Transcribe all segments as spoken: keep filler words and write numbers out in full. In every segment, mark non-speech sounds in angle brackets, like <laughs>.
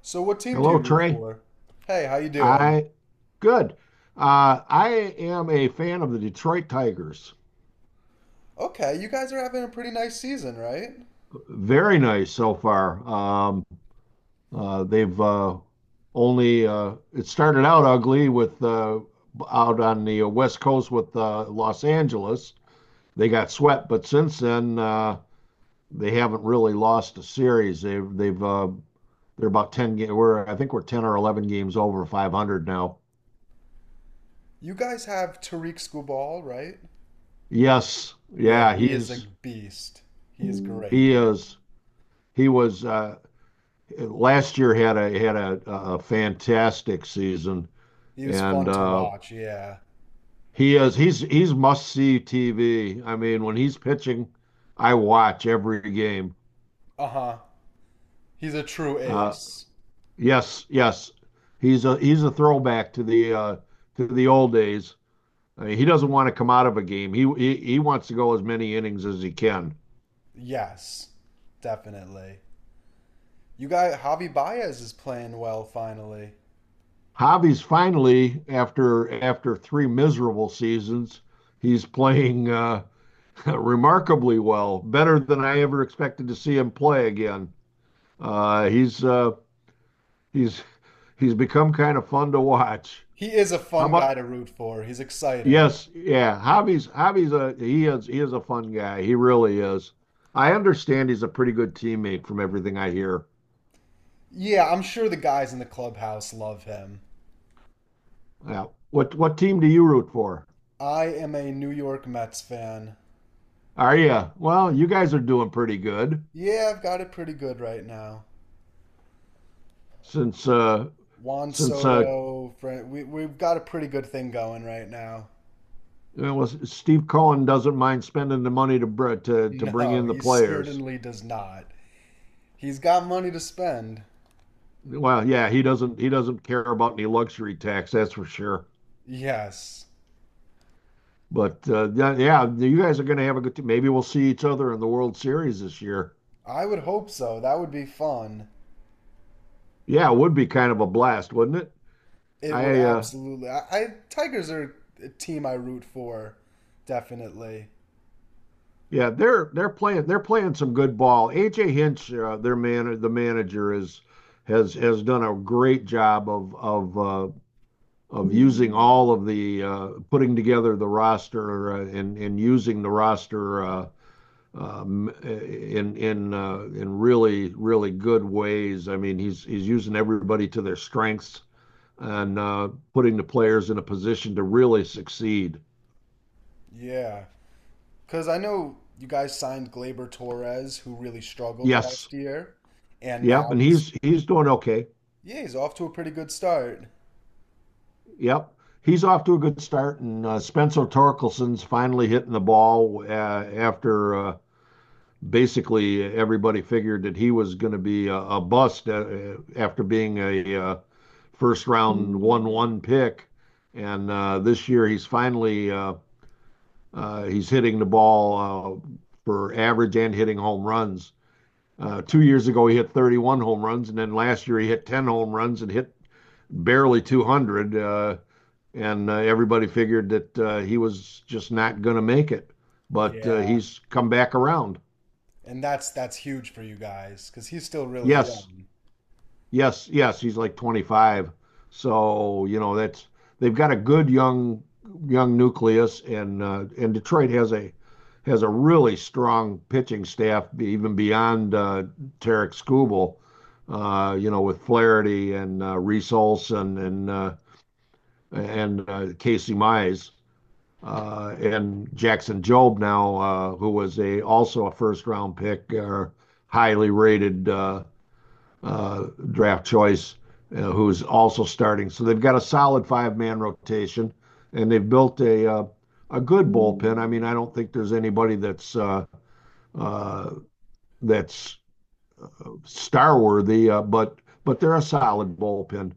So what team do you Hello, root Trey. for? Hey, how you doing? I good. Uh, I am a fan of the Detroit Tigers. Okay, you guys are having a pretty nice season, right? Very nice so far. Um, uh, they've uh, only uh, it started out ugly with uh, out on the uh, West Coast with uh, Los Angeles. They got swept, but since then uh, they haven't really lost a series. They've they've uh, they're about ten. Ga- We're I think we're ten or eleven games over five hundred now. You guys have Tariq Skubal, right? Yes, Yeah, yeah, he is a he's beast. He is great. he is. He was uh, last year had a had a, a fantastic season, He was and fun to uh, watch, yeah. he is he's he's must see T V. I mean, when he's pitching, I watch every game. Uh-huh. He's a true Uh, ace. yes, yes, he's a he's a throwback to the uh, to the old days. I mean, he doesn't want to come out of a game. He, he he wants to go as many innings as he can. Yes, definitely. You got Javi Baez is playing well finally. Javi's finally after after three miserable seasons, he's playing. Uh, <laughs> remarkably well, better than I ever expected to see him play again. Uh, he's uh, he's he's become kind of fun to watch. He is a How fun guy about to root for. He's exciting. yes, yeah, Javi's Javi's a he is he is a fun guy. He really is. I understand he's a pretty good teammate from everything I hear. Yeah, I'm sure the guys in the clubhouse love him. Yeah. What what team do you root for? I am a New York Mets fan. Are you? Well, you guys are doing pretty good Yeah, I've got it pretty good right now. since uh Juan since uh Soto, Fran- we, we've got a pretty good thing going right now. <laughs> well, Steve Cohen doesn't mind spending the money to br- to to bring No, in the he players. certainly does not. He's got money to spend. Well, yeah, he doesn't he doesn't care about any luxury tax, that's for sure. Yes. But uh, yeah, yeah, you guys are going to have a good t- maybe we'll see each other in the World Series this year. I would hope so. That would be fun. Yeah, it would be kind of a blast, wouldn't it? It would I uh, absolutely. I, I Tigers are a team I root for, definitely. yeah, they're they're playing they're playing some good ball. A J Hinch, uh, their man, the manager is has has done a great job of of uh, of using all of the uh, putting together the roster uh, and and using the roster. Uh, um, in in uh, in really, really good ways. I mean, he's he's using everybody to their strengths and uh, putting the players in a position to really succeed. Yeah. Because I know you guys signed Gleyber Torres, who really struggled Yes. last year, and Yep. now And he's, he's he's doing okay. yeah, he's off to a pretty good start. Yep. He's off to a good start. And uh, Spencer Torkelson's finally hitting the ball uh, after uh, basically everybody figured that he was going to be a a bust uh, after being a a first round one one pick, and uh, this year he's finally uh, uh, he's hitting the ball uh, for average and hitting home runs. Uh, two years ago he hit thirty-one home runs, and then last year he hit ten home runs and hit barely two hundred. And uh, everybody figured that uh, he was just not going to make it, but uh, Yeah. he's come back around. And that's that's huge for you guys because he's still really Yes, young. Yes, yes, he's like twenty-five. So, you know, that's they've got a good young young nucleus, and uh, and Detroit has a has a really strong pitching staff even beyond uh, Tarek Skubal, uh, you know, with Flaherty and uh, Reese Olson and uh, and uh, Casey Mize uh, and Jackson Job now, uh, who was a also a first round pick or uh, highly rated uh, uh, draft choice, uh, who's also starting. So they've got a solid five-man rotation, and they've built a uh, a good bullpen. I mean, I don't think there's anybody that's uh, uh, that's star worthy, uh, but but they're a solid bullpen.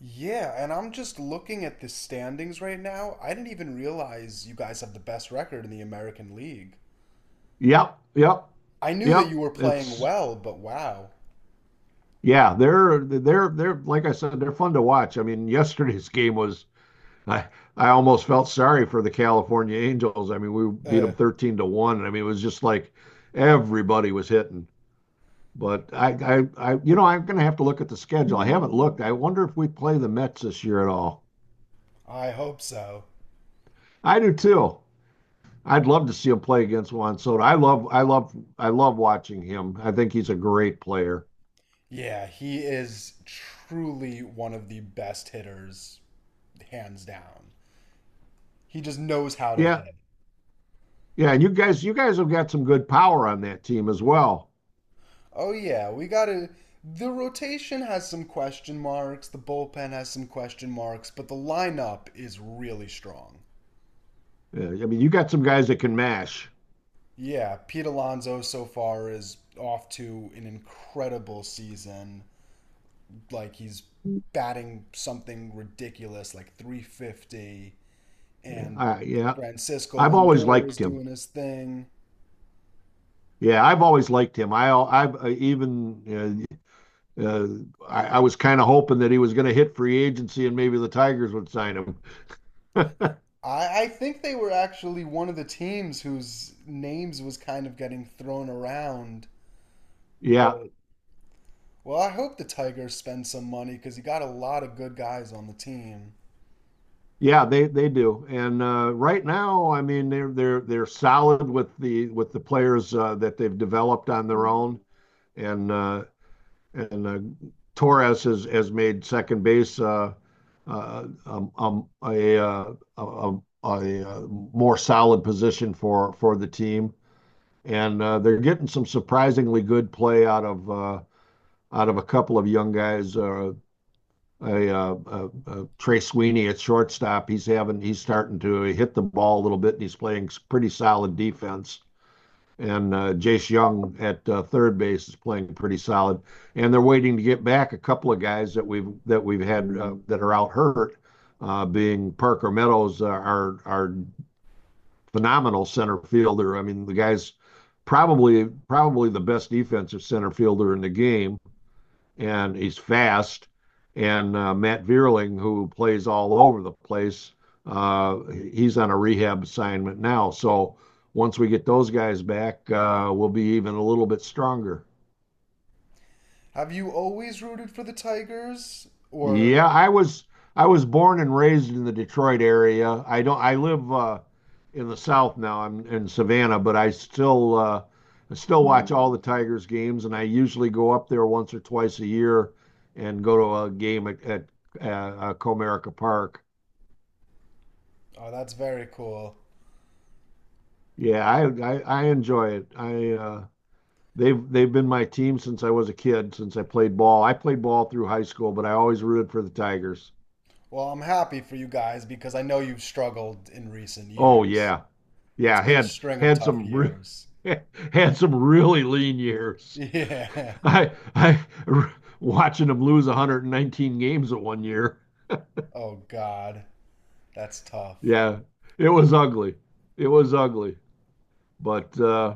Yeah, and I'm just looking at the standings right now. I didn't even realize you guys have the best record in the American League. Yep, yep, I knew that yep. you were playing It's well, but wow. yeah, they're they're they're like I said, they're fun to watch. I mean, <laughs> yesterday's game was I I almost felt sorry for the California Angels. I mean, we beat Uh, them thirteen to one. I mean, it was just like everybody was hitting. But I, I, I you know, I'm going to have to look at the schedule. I haven't looked. I wonder if we play the Mets this year at all. I hope so. I do too. I'd love to see him play against Juan Soto. I love, I love, I love watching him. I think he's a great player. Yeah, he is truly one of the best hitters, hands down. He just knows how to Yeah, hit. yeah. And you guys, you guys have got some good power on that team as well. Oh yeah, we gotta. The rotation has some question marks. The bullpen has some question marks, but the lineup is really strong. Yeah, I mean, you got some guys that can mash. Yeah, Pete Alonso so far is off to an incredible season. Like he's Yeah, batting something ridiculous, like three fifty, and I, yeah. Francisco I've always Lindor is liked him. doing his thing. Yeah, I've always liked him. I, I've uh, even uh, uh, I, I was kind of hoping that he was going to hit free agency and maybe the Tigers would sign him. <laughs> I, I think they were actually one of the teams whose names was kind of getting thrown around, Yeah, but well, I hope the Tigers spend some money because you got a lot of good guys on the team. yeah, they they do. And uh, right now, I mean, they're they're they're solid with the with the players uh, that they've developed on their own. And uh, and uh, Torres has has made second base uh, uh, um, um, a, uh, a, a a uh, more solid position for for the team. And uh, they're getting some surprisingly good play out of uh, out of a couple of young guys. Uh, a, uh, uh, uh, Trey Sweeney at shortstop, he's having he's starting to hit the ball a little bit, and he's playing pretty solid defense. And uh, Jace Young at uh, third base is playing pretty solid. And they're waiting to get back a couple of guys that we've that we've had uh, that are out hurt, uh, being Parker Meadows, uh, our our phenomenal center fielder. I mean, the guy's probably probably the best defensive center fielder in the game, and he's fast. And uh, Matt Vierling, who plays all over the place, uh, he's on a rehab assignment now. So once we get those guys back, uh, we'll be even a little bit stronger. Have you always rooted for the Tigers? Or, Yeah, I was I was born and raised in the Detroit area. I don't I live uh in the South now. I'm in Savannah, but I still uh I still watch Hmm. all the Tigers games, and I usually go up there once or twice a year and go to a game at, at uh, uh, Comerica Park. oh, that's very cool. Yeah, I, I I enjoy it. I uh they've they've been my team since I was a kid, since I played ball. I played ball through high school, but I always rooted for the Tigers. Well, I'm happy for you guys because I know you've struggled in recent Oh years. yeah. It's Yeah, been a had string of had tough some re years. <laughs> had some really lean years. Yeah. I <laughs> I <laughs> r- watching them lose a hundred and nineteen games at one year. Oh God, that's tough. Yeah, it was ugly. It was ugly. But uh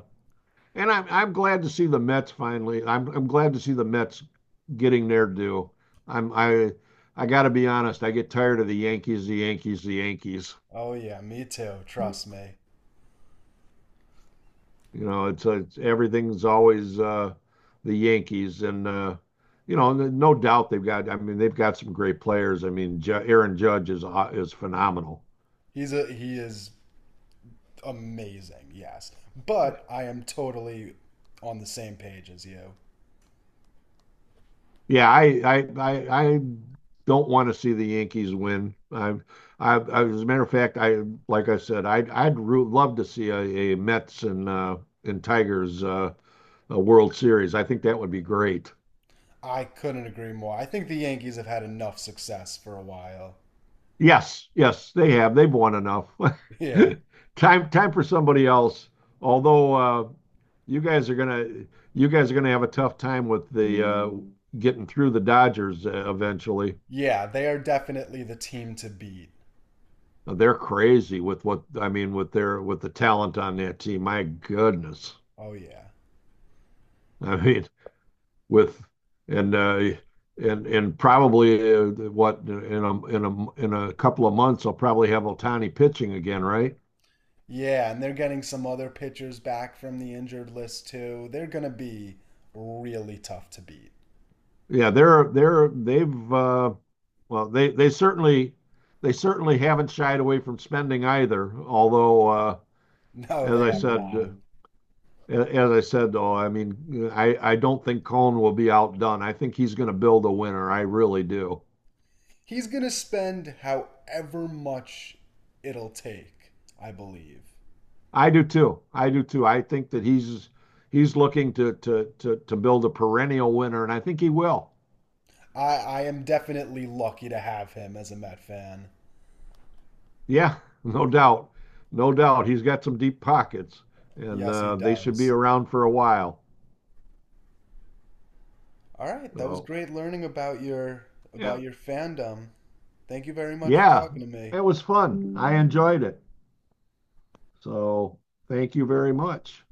and I'm I'm glad to see the Mets finally. I'm I'm glad to see the Mets getting their due. I'm I I got to be honest, I get tired of the Yankees, the Yankees, the Yankees. Oh yeah, me too, trust me. You know, it's, uh, it's everything's always uh, the Yankees, and uh, you know, no doubt they've got. I mean, they've got some great players. I mean, Ju- Aaron Judge is uh, is phenomenal. He's a he is amazing, yes. But I am totally on the same page as you. Yeah, I I I, I don't want to see the Yankees win. I, I, I as a matter of fact, I like I said, I'd I'd root, love to see a, a Mets and uh, and Tigers uh, a World Series. I think that would be great. I couldn't agree more. I think the Yankees have had enough success for a while. Yes, yes, they have. They've won enough. <laughs> <laughs> Yeah. Time, time for somebody else. Although uh, you guys are gonna, you guys are gonna have a tough time with the uh, getting through the Dodgers uh, eventually. Yeah, they are definitely the team to beat. Uh, They're crazy with what I mean with their with the talent on that team. My goodness, Oh, yeah. I mean with and uh, and and probably uh, what in a in a in a couple of months, I'll probably have Otani pitching again, right? Yeah, and they're getting some other pitchers back from the injured list, too. They're going to be really tough to beat. Yeah, they're they're they've uh, well, they they certainly they certainly haven't shied away from spending either. Although, uh, <laughs> No, as they I have said, uh, not. as I said though, I mean, I I don't think Cohn will be outdone. I think he's going to build a winner. I really do. He's going to spend however much it'll take, I believe. I do too. I do too. I think that he's he's looking to to to to build a perennial winner, and I think he will. I, I am definitely lucky to have him as a Met fan. Yeah, <laughs> no doubt, no doubt. He's got some deep pockets, and Yes, he uh, they should be does. around for a while. All right, that was So great learning about your yeah, about your fandom. Thank you very much for Yeah, talking to me. it was fun. I enjoyed it. So thank you very much.